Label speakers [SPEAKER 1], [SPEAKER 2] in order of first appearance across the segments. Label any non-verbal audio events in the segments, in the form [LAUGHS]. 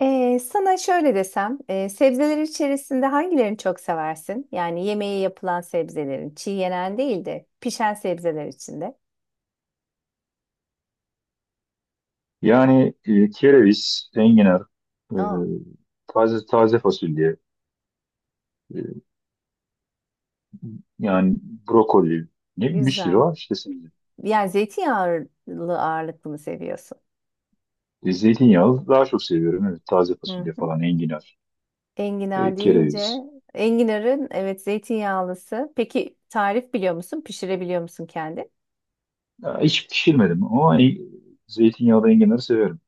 [SPEAKER 1] Sana şöyle desem, sebzeler içerisinde hangilerini çok seversin? Yani yemeği yapılan sebzelerin, çiğ yenen değil de pişen sebzeler içinde.
[SPEAKER 2] Yani kereviz, enginar, e,
[SPEAKER 1] Aa,
[SPEAKER 2] taze taze fasulye, e, yani brokoli, ne bileyim bir sürü
[SPEAKER 1] güzel.
[SPEAKER 2] var işte sebze.
[SPEAKER 1] Yani zeytinyağlı ağırlıklı mı seviyorsun?
[SPEAKER 2] Zeytinyağlı daha çok seviyorum. Evet, taze
[SPEAKER 1] Hı
[SPEAKER 2] fasulye
[SPEAKER 1] hı.
[SPEAKER 2] falan, enginar,
[SPEAKER 1] Enginar deyince,
[SPEAKER 2] kereviz.
[SPEAKER 1] enginarın evet zeytinyağlısı. Peki tarif biliyor musun? Pişirebiliyor musun kendin?
[SPEAKER 2] Ya, hiç pişirmedim ama zeytinyağlı enginarı severim.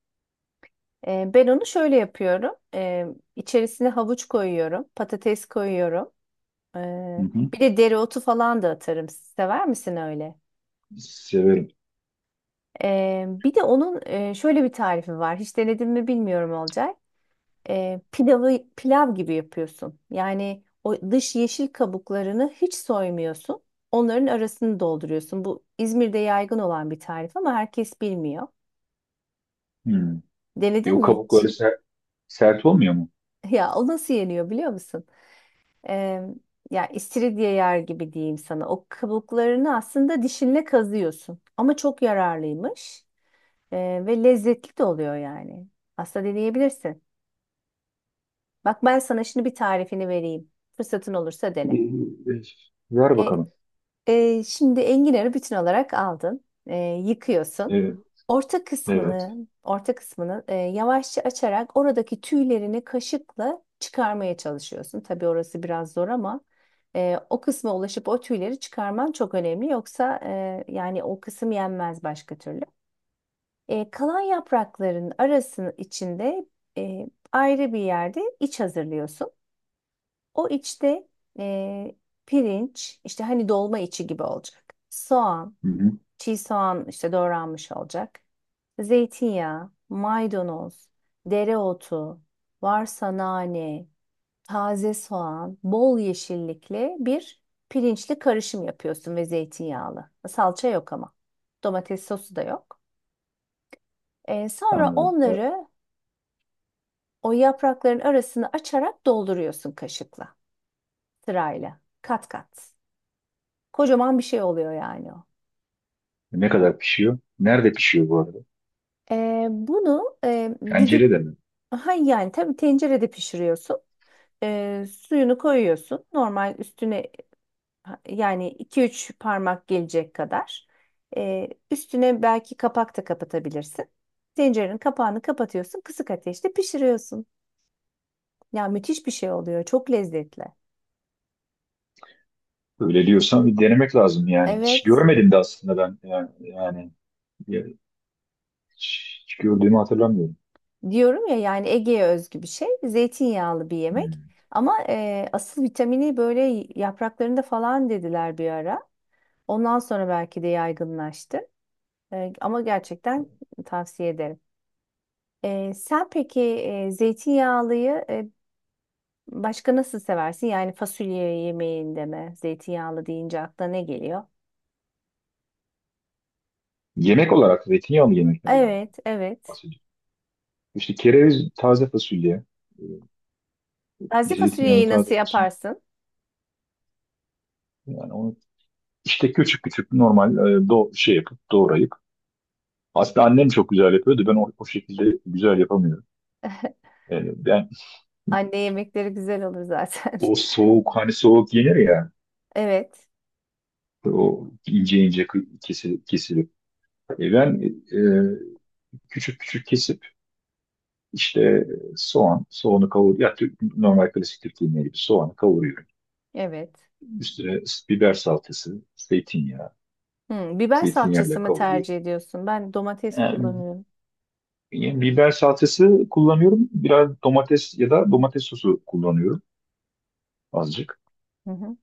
[SPEAKER 1] Ben onu şöyle yapıyorum. İçerisine havuç koyuyorum, patates koyuyorum.
[SPEAKER 2] Hı
[SPEAKER 1] Ee,
[SPEAKER 2] hı,
[SPEAKER 1] Bir de dereotu falan da atarım. Sever misin öyle?
[SPEAKER 2] severim.
[SPEAKER 1] Bir de onun şöyle bir tarifi var. Hiç denedin mi bilmiyorum olacak. Pilavı pilav gibi yapıyorsun. Yani o dış yeşil kabuklarını hiç soymuyorsun. Onların arasını dolduruyorsun. Bu İzmir'de yaygın olan bir tarif ama herkes bilmiyor.
[SPEAKER 2] Hı.
[SPEAKER 1] Denedin
[SPEAKER 2] O
[SPEAKER 1] mi
[SPEAKER 2] kabukları
[SPEAKER 1] hiç?
[SPEAKER 2] sert olmuyor mu?
[SPEAKER 1] [LAUGHS] Ya o nasıl yeniyor biliyor musun? Ee, Ya istiridye yer gibi diyeyim sana. O kabuklarını aslında dişinle kazıyorsun. Ama çok yararlıymış. Ee, Ve lezzetli de oluyor yani. Aslında deneyebilirsin. Bak ben sana şimdi bir tarifini vereyim. Fırsatın olursa
[SPEAKER 2] E,
[SPEAKER 1] dene.
[SPEAKER 2] e, Ver
[SPEAKER 1] E,
[SPEAKER 2] bakalım.
[SPEAKER 1] Şimdi enginarı bütün olarak aldın. E, yıkıyorsun.
[SPEAKER 2] E,
[SPEAKER 1] Orta
[SPEAKER 2] evet.
[SPEAKER 1] kısmını, Orta kısmını yavaşça açarak oradaki tüylerini kaşıkla çıkarmaya çalışıyorsun. Tabii orası biraz zor ama o kısma ulaşıp o tüyleri çıkarman çok önemli. Yoksa yani o kısım yenmez başka türlü. Kalan yaprakların arasının içinde e, ayrı bir yerde iç hazırlıyorsun. O içte e, pirinç, işte hani dolma içi gibi olacak. Soğan,
[SPEAKER 2] Hı hı,
[SPEAKER 1] çiğ soğan işte doğranmış olacak. Zeytinyağı, maydanoz, dereotu, varsa nane, taze soğan, bol yeşillikli bir pirinçli karışım yapıyorsun ve zeytinyağlı. Salça yok ama. Domates sosu da yok. Sonra
[SPEAKER 2] anladım.
[SPEAKER 1] onları, o yaprakların arasını açarak dolduruyorsun kaşıkla sırayla kat kat. Kocaman bir şey oluyor yani o.
[SPEAKER 2] Ne kadar pişiyor? Nerede pişiyor bu arada?
[SPEAKER 1] Bunu e, düdük
[SPEAKER 2] Tencerede mi?
[SPEAKER 1] ha yani tabii tencerede pişiriyorsun. Suyunu koyuyorsun. Normal üstüne yani iki üç parmak gelecek kadar. Üstüne belki kapak da kapatabilirsin. Tencerenin kapağını kapatıyorsun. Kısık ateşte pişiriyorsun. Ya müthiş bir şey oluyor. Çok lezzetli.
[SPEAKER 2] Öyle diyorsan bir denemek lazım yani. Hiç
[SPEAKER 1] Evet.
[SPEAKER 2] görmedim de aslında ben yani, ya- hiç gördüğümü hatırlamıyorum.
[SPEAKER 1] Diyorum ya yani Ege'ye özgü bir şey. Zeytinyağlı bir yemek.
[SPEAKER 2] Hmm.
[SPEAKER 1] Ama asıl vitamini böyle yapraklarında falan dediler bir ara. Ondan sonra belki de yaygınlaştı. Ama gerçekten tavsiye ederim. Sen peki zeytinyağlıyı başka nasıl seversin? Yani fasulye yemeğinde mi? Zeytinyağlı deyince aklına ne geliyor?
[SPEAKER 2] Yemek olarak zeytinyağlı yemeklerden
[SPEAKER 1] Evet, evet.
[SPEAKER 2] bahsediyorum. İşte kereviz taze fasulye,
[SPEAKER 1] Taze
[SPEAKER 2] zeytinyağlı
[SPEAKER 1] fasulyeyi nasıl
[SPEAKER 2] taze fasulye.
[SPEAKER 1] yaparsın?
[SPEAKER 2] Yani onu işte küçük küçük normal e, do şey yapıp doğrayıp. Aslında annem çok güzel yapıyordu. Ben o şekilde güzel yapamıyorum.
[SPEAKER 1] [LAUGHS]
[SPEAKER 2] Yani ben
[SPEAKER 1] Anne yemekleri güzel olur zaten.
[SPEAKER 2] o
[SPEAKER 1] [LAUGHS]
[SPEAKER 2] soğuk hani soğuk yenir ya
[SPEAKER 1] Evet,
[SPEAKER 2] o ince ince kesilip. Ben küçük küçük kesip İşte soğan, soğanı kavur, ya normal klasik Türk yemeği gibi soğanı kavuruyorum.
[SPEAKER 1] evet.
[SPEAKER 2] Üstüne biber salçası, zeytinyağı,
[SPEAKER 1] Hmm, biber salçası
[SPEAKER 2] zeytinyağıyla
[SPEAKER 1] mı
[SPEAKER 2] kavuruyorum.
[SPEAKER 1] tercih ediyorsun? Ben domates
[SPEAKER 2] Yani,
[SPEAKER 1] kullanıyorum.
[SPEAKER 2] yani biber salçası kullanıyorum. Biraz domates ya da domates sosu kullanıyorum azıcık.
[SPEAKER 1] Hı hı,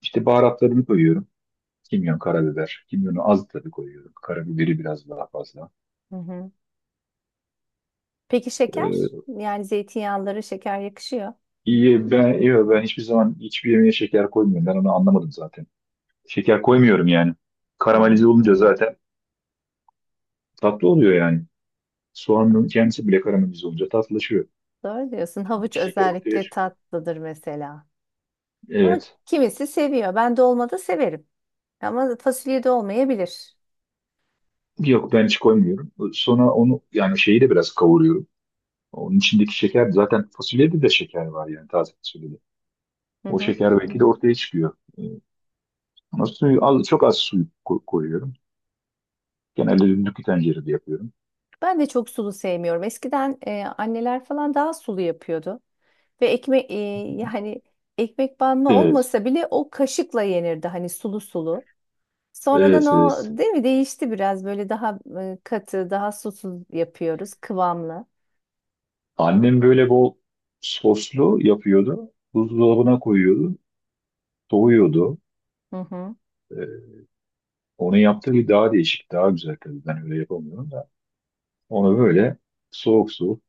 [SPEAKER 2] İşte baharatlarını koyuyorum. Kimyon, karabiber. Kimyonu az tabii koyuyorum. Karabiberi biraz daha fazla.
[SPEAKER 1] hı hı. Peki şeker?
[SPEAKER 2] Ee,
[SPEAKER 1] Yani zeytinyağları şeker yakışıyor.
[SPEAKER 2] iyi ben iyi ben hiçbir zaman hiçbir yemeğe şeker koymuyorum. Ben onu anlamadım zaten. Şeker koymuyorum yani.
[SPEAKER 1] Hı,
[SPEAKER 2] Karamelize olunca zaten tatlı oluyor yani. Soğanın kendisi bile karamelize olunca tatlılaşıyor.
[SPEAKER 1] doğru diyorsun. Havuç
[SPEAKER 2] İçindeki şeker ortaya
[SPEAKER 1] özellikle
[SPEAKER 2] çıkıyor.
[SPEAKER 1] tatlıdır mesela. Ama
[SPEAKER 2] Evet.
[SPEAKER 1] kimisi seviyor. Ben dolmada severim. Ama fasulye de olmayabilir.
[SPEAKER 2] Yok ben hiç koymuyorum. Sonra onu yani şeyi de biraz kavuruyorum. Onun içindeki şeker zaten fasulyede de şeker var yani taze fasulyede.
[SPEAKER 1] Hı
[SPEAKER 2] O
[SPEAKER 1] hı.
[SPEAKER 2] şeker belki de ortaya çıkıyor. Ama suyu az, çok az suyu koyuyorum. Genelde düdüklü tencerede yapıyorum.
[SPEAKER 1] Ben de çok sulu sevmiyorum. Eskiden anneler falan daha sulu yapıyordu. Ve ekmek yani ekmek banma
[SPEAKER 2] Evet.
[SPEAKER 1] olmasa bile o kaşıkla yenirdi. Hani sulu sulu. Sonradan
[SPEAKER 2] Evet,
[SPEAKER 1] o
[SPEAKER 2] evet.
[SPEAKER 1] değil mi değişti biraz böyle daha katı, daha susuz yapıyoruz, kıvamlı.
[SPEAKER 2] Annem böyle bol soslu yapıyordu. Buzdolabına koyuyordu. Soğuyordu.
[SPEAKER 1] Hı hı.
[SPEAKER 2] Ee, Onun yaptığı bir daha değişik, daha güzel tabii. Ben öyle yapamıyorum da. Onu böyle soğuk soğuk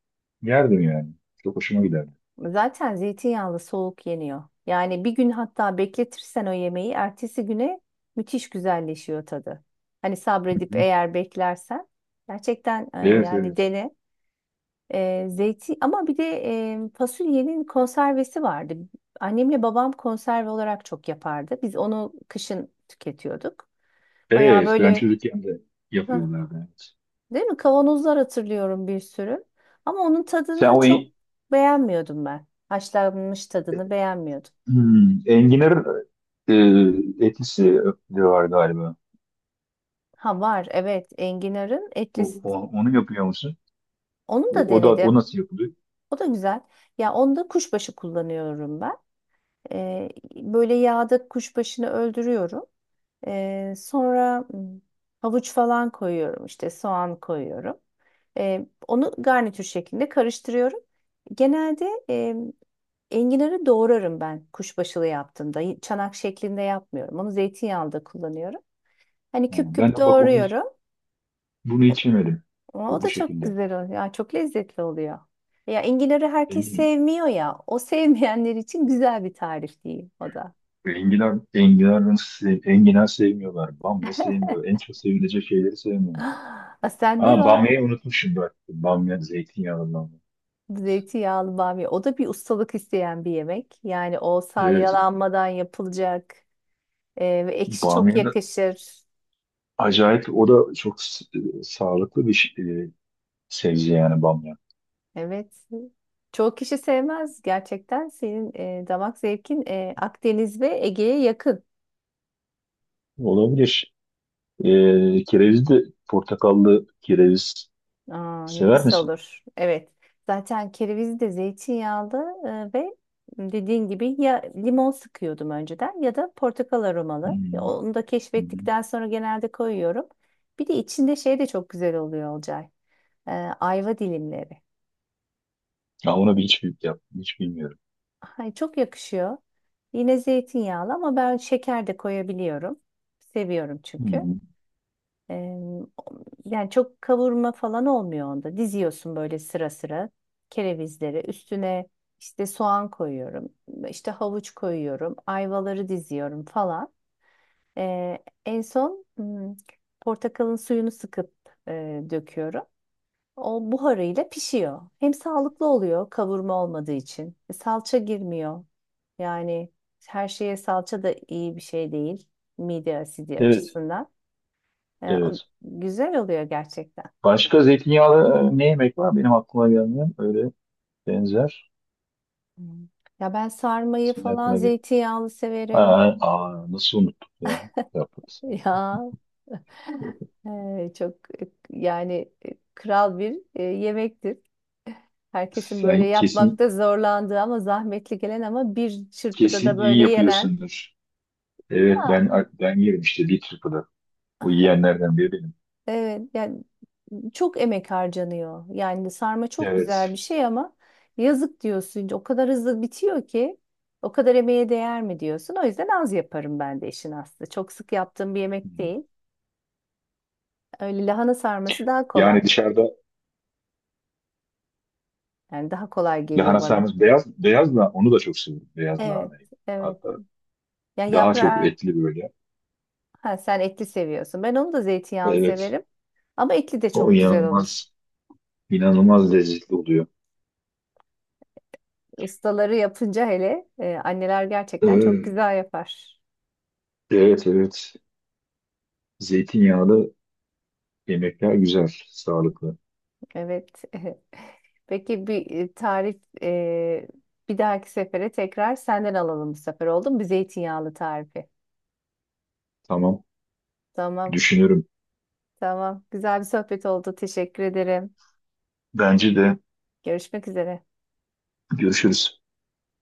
[SPEAKER 2] yerdim yani. Çok hoşuma giderdi.
[SPEAKER 1] Zaten zeytinyağlı soğuk yeniyor. Yani bir gün hatta bekletirsen o yemeği ertesi güne müthiş güzelleşiyor tadı. Hani sabredip
[SPEAKER 2] Hı hı.
[SPEAKER 1] eğer beklersen gerçekten
[SPEAKER 2] Evet,
[SPEAKER 1] yani
[SPEAKER 2] evet.
[SPEAKER 1] dene. E, zeyti Ama bir de fasulyenin konservesi vardı. Annemle babam konserve olarak çok yapardı. Biz onu kışın tüketiyorduk. Bayağı
[SPEAKER 2] Evet, ben
[SPEAKER 1] böyle
[SPEAKER 2] çocukken de
[SPEAKER 1] [LAUGHS]
[SPEAKER 2] yapıyorlardı. Evet.
[SPEAKER 1] değil mi? Kavanozlar hatırlıyorum bir sürü. Ama onun
[SPEAKER 2] Sen
[SPEAKER 1] tadını çok beğenmiyordum ben. Haşlanmış tadını beğenmiyordum.
[SPEAKER 2] enginar e, etlisi de var galiba.
[SPEAKER 1] Ha var evet enginarın
[SPEAKER 2] O-
[SPEAKER 1] etlisi.
[SPEAKER 2] o- onu yapıyor musun?
[SPEAKER 1] Onu da
[SPEAKER 2] O da o
[SPEAKER 1] denedim.
[SPEAKER 2] nasıl yapılıyor?
[SPEAKER 1] O da güzel. Ya onda kuşbaşı kullanıyorum ben. Ee, Böyle yağda kuşbaşını öldürüyorum. Sonra havuç falan koyuyorum işte soğan koyuyorum. Onu garnitür şeklinde karıştırıyorum. Genelde enginarı doğrarım ben kuşbaşılı yaptığımda. Çanak şeklinde yapmıyorum. Onu zeytinyağında kullanıyorum. Hani
[SPEAKER 2] Ha,
[SPEAKER 1] küp
[SPEAKER 2] ben
[SPEAKER 1] küp
[SPEAKER 2] de bak
[SPEAKER 1] doğruyorum.
[SPEAKER 2] bunu hiç yemedim.
[SPEAKER 1] Ama
[SPEAKER 2] Bu
[SPEAKER 1] o
[SPEAKER 2] bu
[SPEAKER 1] da çok
[SPEAKER 2] şekilde.
[SPEAKER 1] güzel oluyor. Ya çok lezzetli oluyor. Ya enginarı herkes
[SPEAKER 2] Eminim.
[SPEAKER 1] sevmiyor ya. O sevmeyenler için güzel bir tarif değil o da. [GASPS]
[SPEAKER 2] Enginar, enginar, enginar sevmiyorlar. Bamya sevmiyor. En çok sevilecek şeyleri sevmiyor.
[SPEAKER 1] Ah, sende
[SPEAKER 2] Aa,
[SPEAKER 1] var
[SPEAKER 2] bamya'yı unutmuşum bak. Bamya zeytinyağından.
[SPEAKER 1] zeytinyağlı bamya. O da bir ustalık isteyen bir yemek. Yani o
[SPEAKER 2] Evet.
[SPEAKER 1] salyalanmadan yapılacak. Ve ekşi çok
[SPEAKER 2] Bamya da
[SPEAKER 1] yakışır.
[SPEAKER 2] acayip. O da çok sağlıklı bir sebze yani bamya.
[SPEAKER 1] Evet. Çoğu kişi sevmez gerçekten. Senin damak zevkin Akdeniz ve Ege'ye yakın.
[SPEAKER 2] Olabilir. Kereviz de portakallı kereviz
[SPEAKER 1] Aa,
[SPEAKER 2] sever
[SPEAKER 1] nefis
[SPEAKER 2] misin?
[SPEAKER 1] olur. Evet. Zaten kerevizi de zeytinyağlı e, ve dediğin gibi ya limon sıkıyordum önceden ya da portakal aromalı. Ya
[SPEAKER 2] Hmm,
[SPEAKER 1] onu da
[SPEAKER 2] hı hı.
[SPEAKER 1] keşfettikten sonra genelde koyuyorum. Bir de içinde şey de çok güzel oluyor Olcay. E, Ayva dilimleri.
[SPEAKER 2] Ya ona bir hiç, bil- yap, hiç bilmiyorum.
[SPEAKER 1] Ay, çok yakışıyor. Yine zeytinyağlı ama ben şeker de koyabiliyorum. Seviyorum
[SPEAKER 2] Hı
[SPEAKER 1] çünkü.
[SPEAKER 2] hı.
[SPEAKER 1] Ee, Yani çok kavurma falan olmuyor onda. Diziyorsun böyle sıra sıra kerevizleri. Üstüne işte soğan koyuyorum. İşte havuç koyuyorum. Ayvaları diziyorum falan. Ee, En son portakalın suyunu sıkıp döküyorum. O buharıyla pişiyor. Hem sağlıklı oluyor kavurma olmadığı için. E, salça girmiyor. Yani her şeye salça da iyi bir şey değil. Mide asidi
[SPEAKER 2] Evet.
[SPEAKER 1] açısından.
[SPEAKER 2] Evet.
[SPEAKER 1] Güzel oluyor gerçekten.
[SPEAKER 2] Başka zeytinyağlı ne yemek var? Benim aklıma gelmeyen öyle benzer.
[SPEAKER 1] Hı. Ya ben sarmayı
[SPEAKER 2] Senin
[SPEAKER 1] falan
[SPEAKER 2] aklına gel.
[SPEAKER 1] zeytinyağlı severim.
[SPEAKER 2] Aa, nasıl unuttuk ya? Yaprak
[SPEAKER 1] [LAUGHS] Ya çok yani kral bir yemektir. Herkesin
[SPEAKER 2] Sen
[SPEAKER 1] böyle
[SPEAKER 2] [LAUGHS] kesin
[SPEAKER 1] yapmakta zorlandığı ama zahmetli gelen ama bir çırpıda da
[SPEAKER 2] Kesin iyi
[SPEAKER 1] böyle yenen.
[SPEAKER 2] yapıyorsundur. Evet, ben yerim işte bir triple'ı. Bu yiyenlerden biri benim.
[SPEAKER 1] Evet, yani çok emek harcanıyor. Yani sarma çok
[SPEAKER 2] Evet.
[SPEAKER 1] güzel bir şey ama yazık diyorsun. O kadar hızlı bitiyor ki o kadar emeğe değer mi diyorsun. O yüzden az yaparım ben de işin aslı. Çok sık yaptığım bir yemek
[SPEAKER 2] Hmm.
[SPEAKER 1] değil. Öyle lahana sarması daha
[SPEAKER 2] Yani
[SPEAKER 1] kolay.
[SPEAKER 2] dışarıda
[SPEAKER 1] Yani daha kolay geliyor
[SPEAKER 2] lahana
[SPEAKER 1] bana.
[SPEAKER 2] sarması beyaz beyaz da onu da çok seviyorum. Beyaz
[SPEAKER 1] Evet,
[SPEAKER 2] lahanayı.
[SPEAKER 1] evet.
[SPEAKER 2] Hatta
[SPEAKER 1] Ya
[SPEAKER 2] daha çok
[SPEAKER 1] yaprağı
[SPEAKER 2] etli böyle.
[SPEAKER 1] ha, sen etli seviyorsun. Ben onu da zeytinyağlı
[SPEAKER 2] Evet.
[SPEAKER 1] severim. Ama etli de
[SPEAKER 2] O
[SPEAKER 1] çok güzel olur.
[SPEAKER 2] inanılmaz inanılmaz lezzetli oluyor.
[SPEAKER 1] Ustaları yapınca hele anneler gerçekten çok
[SPEAKER 2] Evet,
[SPEAKER 1] güzel yapar.
[SPEAKER 2] evet. Evet. Zeytinyağlı yemekler güzel, sağlıklı.
[SPEAKER 1] Evet. [LAUGHS] Peki bir tarif, bir dahaki sefere tekrar senden alalım bu sefer oldu mu? Bir zeytinyağlı tarifi.
[SPEAKER 2] Tamam,
[SPEAKER 1] Tamam,
[SPEAKER 2] düşünürüm.
[SPEAKER 1] tamam. Güzel bir sohbet oldu. Teşekkür ederim.
[SPEAKER 2] Bence de
[SPEAKER 1] Görüşmek üzere.
[SPEAKER 2] görüşürüz.